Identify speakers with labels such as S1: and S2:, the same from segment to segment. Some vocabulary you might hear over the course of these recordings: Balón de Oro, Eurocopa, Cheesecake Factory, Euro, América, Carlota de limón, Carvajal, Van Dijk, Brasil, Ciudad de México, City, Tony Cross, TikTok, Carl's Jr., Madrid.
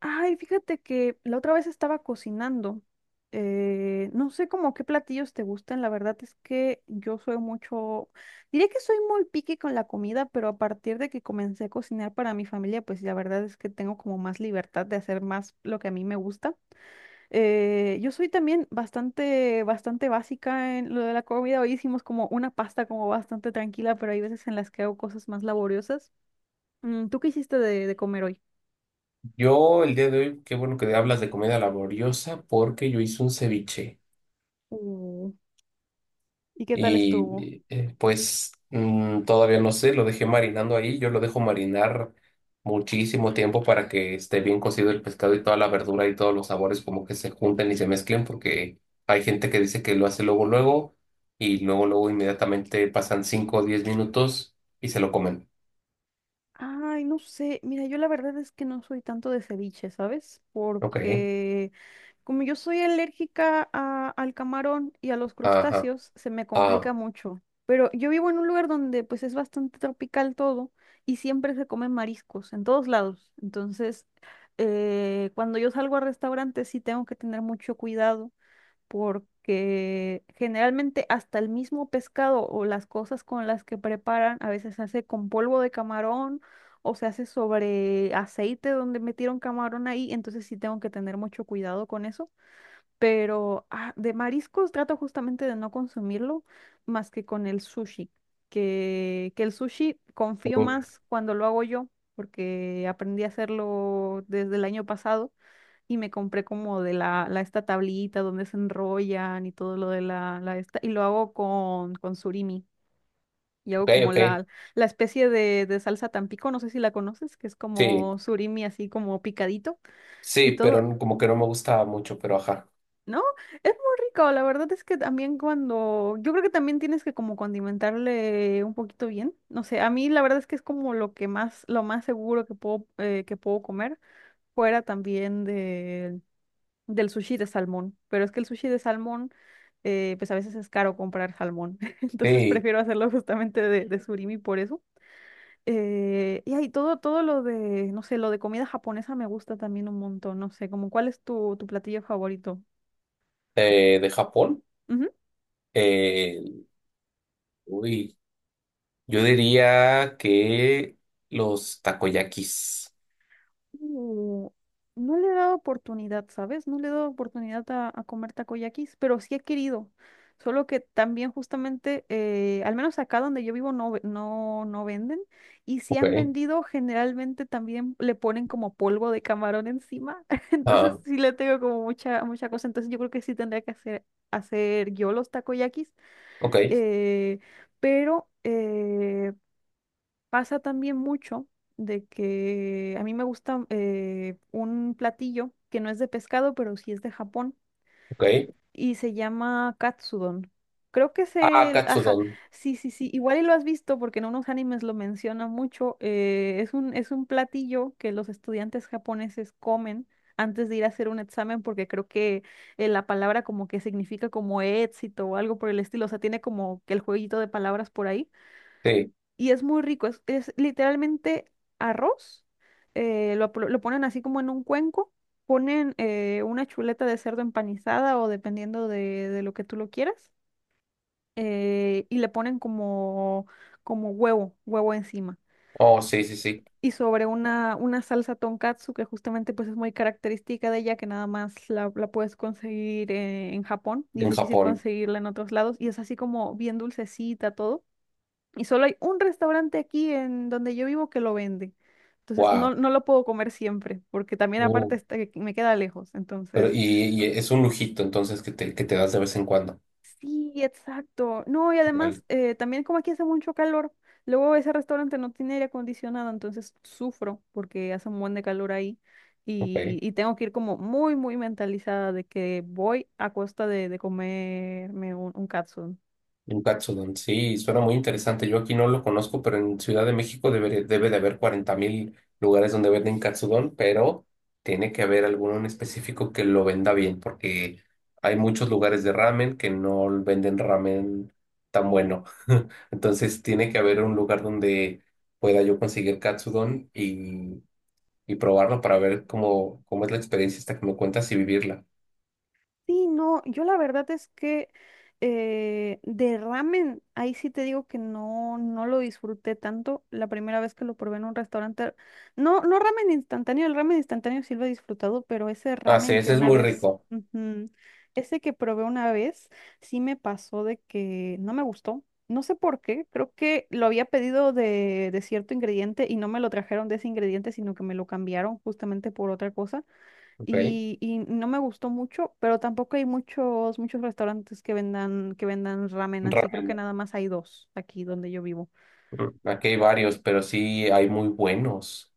S1: Ay, fíjate que la otra vez estaba cocinando. No sé como qué platillos te gustan, la verdad es que yo soy mucho, diría que soy muy picky con la comida, pero a partir de que comencé a cocinar para mi familia, pues la verdad es que tengo como más libertad de hacer más lo que a mí me gusta. Yo soy también bastante básica en lo de la comida. Hoy hicimos como una pasta como bastante tranquila, pero hay veces en las que hago cosas más laboriosas. Mm, ¿tú qué hiciste de comer hoy?
S2: Yo el día de hoy, qué bueno que hablas de comida laboriosa porque yo hice un ceviche
S1: Uh, ¿Y qué tal estuvo?
S2: y pues todavía no sé, lo dejé marinando ahí, yo lo dejo marinar muchísimo tiempo para que esté bien cocido el pescado y toda la verdura y todos los sabores como que se junten y se mezclen porque hay gente que dice que lo hace luego luego, y luego luego inmediatamente pasan 5 o 10 minutos y se lo comen.
S1: Ay, no sé. Mira, yo la verdad es que no soy tanto de ceviche, ¿sabes?
S2: Ok,
S1: Porque como yo soy alérgica al camarón y a los
S2: ajá,
S1: crustáceos, se me
S2: ah,
S1: complica mucho. Pero yo vivo en un lugar donde pues es bastante tropical todo y siempre se comen mariscos en todos lados. Entonces, cuando yo salgo a restaurantes sí tengo que tener mucho cuidado porque generalmente hasta el mismo pescado o las cosas con las que preparan a veces se hace con polvo de camarón o se hace sobre aceite donde metieron camarón ahí, entonces sí tengo que tener mucho cuidado con eso. Pero de mariscos trato justamente de no consumirlo más que con el sushi, que el sushi confío
S2: ok,
S1: más cuando lo hago yo, porque aprendí a hacerlo desde el año pasado y me compré como de la esta tablita donde se enrollan y todo lo de la esta, y lo hago con surimi. Y hago como
S2: ok,
S1: la especie de salsa Tampico, no sé si la conoces, que es
S2: sí.
S1: como surimi así como picadito y
S2: Sí, pero
S1: todo.
S2: como que no me gustaba mucho, pero ajá.
S1: No, es muy rico, la verdad es que también cuando, yo creo que también tienes que como condimentarle un poquito bien, no sé, a mí la verdad es que es como lo que más, lo más seguro que puedo comer, fuera también de del sushi de salmón, pero es que el sushi de salmón, pues a veces es caro comprar salmón, entonces
S2: Sí,
S1: prefiero hacerlo justamente de surimi por eso. Y ahí todo, todo lo de, no sé, lo de comida japonesa me gusta también un montón, no sé, como cuál es tu, tu platillo favorito.
S2: de Japón. eh, Uy, yo diría que los takoyakis.
S1: Mm, no le he dado oportunidad, ¿sabes? No le he dado oportunidad a comer takoyakis, pero sí he querido. Solo que también justamente, al menos acá donde yo vivo no, no, no venden. Y si
S2: Ok.
S1: han vendido, generalmente también le ponen como polvo de camarón encima. Entonces
S2: Ah,
S1: sí le tengo como mucha, mucha cosa. Entonces yo creo que sí tendría que hacer, hacer yo los takoyakis.
S2: ok,
S1: eh, pero... eh, Pasa también mucho de que a mí me gusta un platillo que no es de pescado, pero sí es de Japón
S2: ok.
S1: y se llama katsudon. Creo que es
S2: Ah,
S1: el... Ajá,
S2: katsudon.
S1: sí, sí, sí. Igual y lo has visto porque en unos animes lo menciona mucho. Es es un platillo que los estudiantes japoneses comen antes de ir a hacer un examen porque creo que la palabra como que significa como éxito o algo por el estilo. O sea, tiene como que el jueguito de palabras por ahí
S2: Sí.
S1: y es muy rico, es literalmente arroz, lo ponen así como en un cuenco, ponen una chuleta de cerdo empanizada o dependiendo de lo que tú lo quieras, y le ponen como, como huevo, huevo encima.
S2: Oh, sí, sí, sí.
S1: Y sobre una salsa tonkatsu que justamente pues es muy característica de ella, que nada más la, la puedes conseguir en Japón y es
S2: En
S1: difícil
S2: Japón.
S1: conseguirla en otros lados y es así como bien dulcecita todo y solo hay un restaurante aquí en donde yo vivo que lo vende. Entonces no,
S2: Wow.
S1: no lo puedo comer siempre, porque también aparte
S2: Oh,
S1: está que me queda lejos.
S2: pero
S1: Entonces,
S2: y es un lujito, entonces, que te das de vez en cuando.
S1: sí, exacto. No, y además,
S2: Vale.
S1: también como aquí hace mucho calor, luego ese restaurante no tiene aire acondicionado, entonces sufro porque hace un buen de calor ahí.
S2: Ok.
S1: Y tengo que ir como muy, muy mentalizada de que voy a costa de comerme un catsup.
S2: Un Katsudon, sí, suena muy interesante. Yo aquí no lo conozco, pero en Ciudad de México debe de haber 40,000 lugares donde venden Katsudon, pero tiene que haber alguno en específico que lo venda bien, porque hay muchos lugares de ramen que no venden ramen tan bueno. Entonces tiene que haber un lugar donde pueda yo conseguir Katsudon y probarlo para ver cómo, cómo es la experiencia esta que me cuentas y vivirla.
S1: Sí, no, yo la verdad es que de ramen, ahí sí te digo que no, no lo disfruté tanto la primera vez que lo probé en un restaurante. No, no ramen instantáneo, el ramen instantáneo sí lo he disfrutado, pero ese
S2: Ah, sí,
S1: ramen que
S2: ese es
S1: una
S2: muy
S1: vez,
S2: rico.
S1: ujú, ese que probé una vez, sí me pasó de que no me gustó. No sé por qué, creo que lo había pedido de cierto ingrediente y no me lo trajeron de ese ingrediente, sino que me lo cambiaron justamente por otra cosa
S2: Ok.
S1: y no me gustó mucho, pero tampoco hay muchos, muchos restaurantes que vendan ramen así. Creo que
S2: Ramen.
S1: nada más hay dos aquí donde yo vivo.
S2: Aquí hay varios, pero sí hay muy buenos.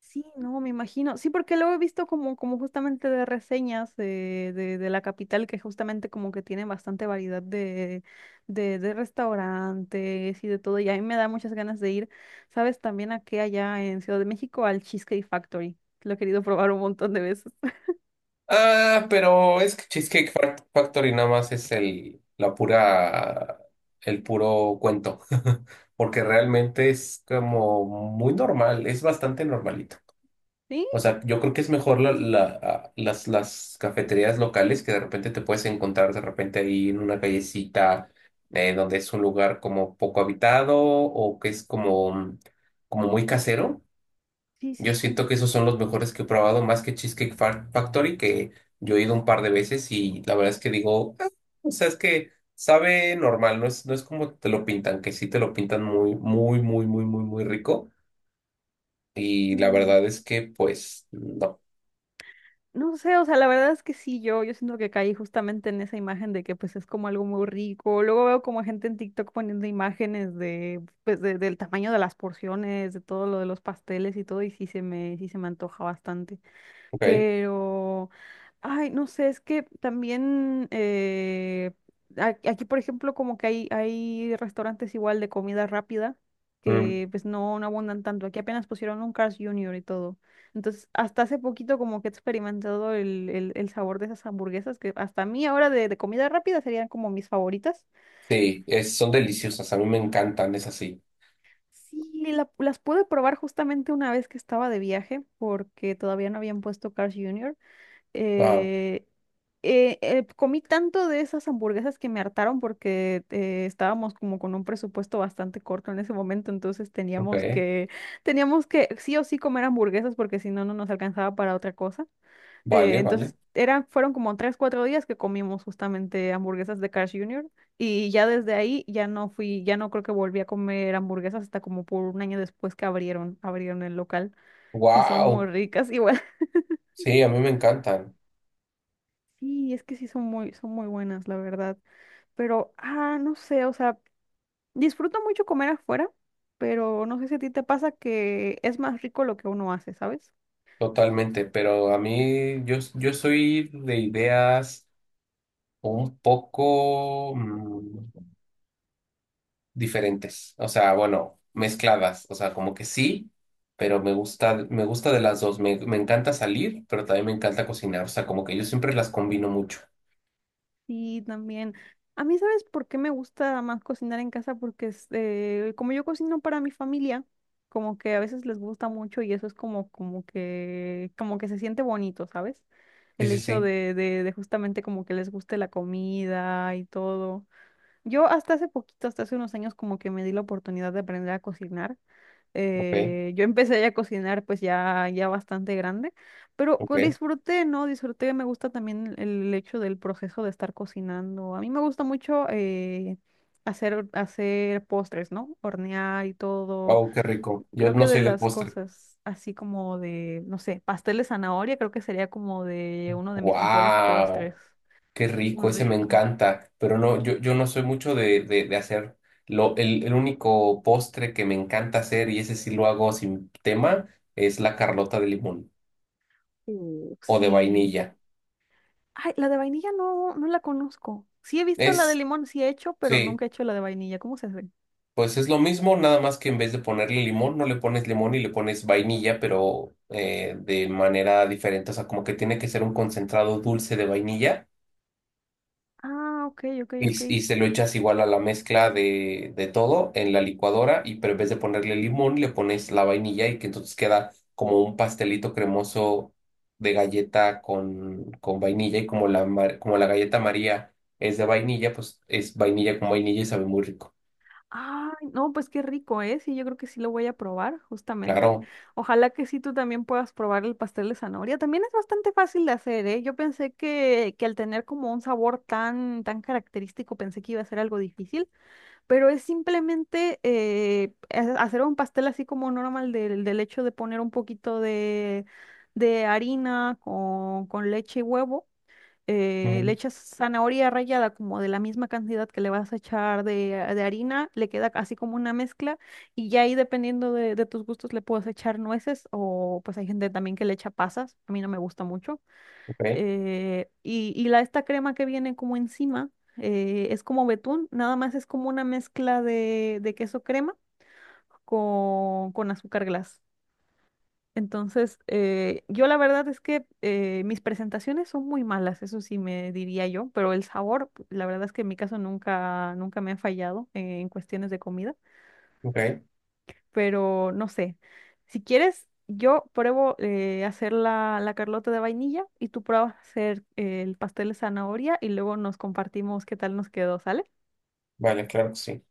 S1: Sí, no, me imagino. Sí, porque luego he visto como, como justamente de reseñas de la capital que justamente como que tiene bastante variedad de, de restaurantes y de todo. Y a mí me da muchas ganas de ir, ¿sabes? También aquí allá en Ciudad de México al Cheesecake Factory. Lo he querido probar un montón de veces.
S2: Ah, pero es que Cheesecake Factory nada más es la pura, el puro cuento. Porque realmente es como muy normal, es bastante normalito.
S1: Sí,
S2: O sea, yo creo que es mejor las cafeterías locales que de repente te puedes encontrar de repente ahí en una callecita, donde es un lugar como poco habitado o que es como muy casero.
S1: sí, sí,
S2: Yo
S1: sí.
S2: siento que esos son los mejores que he probado, más que Cheesecake Factory, que yo he ido un par de veces y la verdad es que digo: "Ah, o sea, es que sabe normal, no es como te lo pintan", que sí te lo pintan muy, muy, muy, muy, muy, muy rico. Y la
S1: Sí.
S2: verdad es que, pues, no.
S1: No sé, o sea, la verdad es que sí, yo siento que caí justamente en esa imagen de que pues es como algo muy rico. Luego veo como gente en TikTok poniendo imágenes de, pues, del tamaño de las porciones, de todo lo de los pasteles y todo, y sí se me antoja bastante,
S2: Ok.
S1: pero, ay, no sé, es que también aquí, por ejemplo, como que hay restaurantes igual de comida rápida
S2: Mm,
S1: que pues no, no abundan tanto. Aquí apenas pusieron un Carl's Jr. y todo. Entonces, hasta hace poquito como que he experimentado el, el sabor de esas hamburguesas que hasta a mí ahora de comida rápida serían como mis favoritas.
S2: sí, son deliciosas, a mí me encantan, es así.
S1: Sí, las pude probar justamente una vez que estaba de viaje porque todavía no habían puesto Carl's Jr.
S2: Wow.
S1: eh, Comí tanto de esas hamburguesas que me hartaron porque estábamos como con un presupuesto bastante corto en ese momento, entonces
S2: Ok.
S1: teníamos que sí o sí comer hamburguesas porque si no, no nos alcanzaba para otra cosa.
S2: Vale,
S1: Entonces
S2: vale.
S1: eran, fueron como tres, cuatro días que comimos justamente hamburguesas de Carl's Jr. Y ya desde ahí ya no fui, ya no creo que volví a comer hamburguesas hasta como por un año después que abrieron, abrieron el local y son muy
S2: Wow.
S1: ricas. Y
S2: Sí, a mí me encantan,
S1: sí, es que sí son muy buenas, la verdad. Pero, no sé, o sea, disfruto mucho comer afuera, pero no sé si a ti te pasa que es más rico lo que uno hace, ¿sabes?
S2: totalmente, pero a mí, yo soy de ideas un poco diferentes, o sea, bueno, mezcladas, o sea, como que sí, pero me gusta de las dos, me encanta salir, pero también me encanta cocinar, o sea, como que yo siempre las combino mucho.
S1: Sí, también. A mí, ¿sabes por qué me gusta más cocinar en casa? Porque este, como yo cocino para mi familia, como que a veces les gusta mucho y eso es como, como que se siente bonito, ¿sabes?
S2: Sí,
S1: El
S2: sí,
S1: hecho
S2: sí,
S1: de justamente como que les guste la comida y todo. Yo hasta hace poquito, hasta hace unos años, como que me di la oportunidad de aprender a cocinar.
S2: ok,
S1: Yo empecé ya a cocinar pues ya, ya bastante grande, pero
S2: ok.
S1: disfruté, ¿no? Disfruté, me gusta también el hecho del proceso de estar cocinando. A mí me gusta mucho hacer, hacer postres, ¿no? Hornear y todo.
S2: Oh, qué rico. Yo
S1: Creo que
S2: no
S1: de
S2: soy de
S1: las
S2: postre.
S1: cosas así como de, no sé, pastel de zanahoria, creo que sería como de uno de mis mejores
S2: Wow,
S1: postres.
S2: qué
S1: Muy
S2: rico, ese me
S1: rico.
S2: encanta, pero no, yo no soy mucho de hacer. El único postre que me encanta hacer, y ese sí lo hago sin tema, es la Carlota de limón, o de
S1: Sí.
S2: vainilla.
S1: Ay, la de vainilla no, no la conozco. Sí he visto la de
S2: Es,
S1: limón, sí he hecho, pero
S2: sí,
S1: nunca he hecho la de vainilla. ¿Cómo se hace?
S2: pues es lo mismo, nada más que en vez de ponerle limón, no le pones limón y le pones vainilla, pero de manera diferente. O sea, como que tiene que ser un concentrado dulce de vainilla
S1: Ah, ok, ok,
S2: y,
S1: ok.
S2: y se lo echas igual a la mezcla de todo en la licuadora, y pero en vez de ponerle limón, le pones la vainilla y que entonces queda como un pastelito cremoso de galleta con vainilla y como la galleta María es de vainilla, pues es vainilla con vainilla y sabe muy rico.
S1: Ay, no, pues qué rico, ¿eh? Sí, yo creo que sí lo voy a probar, justamente.
S2: Claro.
S1: Ojalá que sí tú también puedas probar el pastel de zanahoria. También es bastante fácil de hacer, ¿eh? Yo pensé que al tener como un sabor tan, tan característico, pensé que iba a ser algo difícil, pero es simplemente hacer un pastel así como normal del, del hecho de poner un poquito de harina con leche y huevo. Le
S2: Mm,
S1: echas zanahoria rallada como de la misma cantidad que le vas a echar de harina, le queda así como una mezcla y ya ahí dependiendo de tus gustos le puedes echar nueces o pues hay gente también que le echa pasas, a mí no me gusta mucho
S2: ok,
S1: y la, esta crema que viene como encima es como betún, nada más es como una mezcla de queso crema con azúcar glass. Entonces, yo la verdad es que mis presentaciones son muy malas, eso sí me diría yo, pero el sabor, la verdad es que en mi caso nunca, nunca me ha fallado en cuestiones de comida.
S2: ok.
S1: Pero no sé. Si quieres, yo pruebo hacer la, la carlota de vainilla y tú pruebas hacer el pastel de zanahoria y luego nos compartimos qué tal nos quedó, ¿sale?
S2: Vale, claro que sí.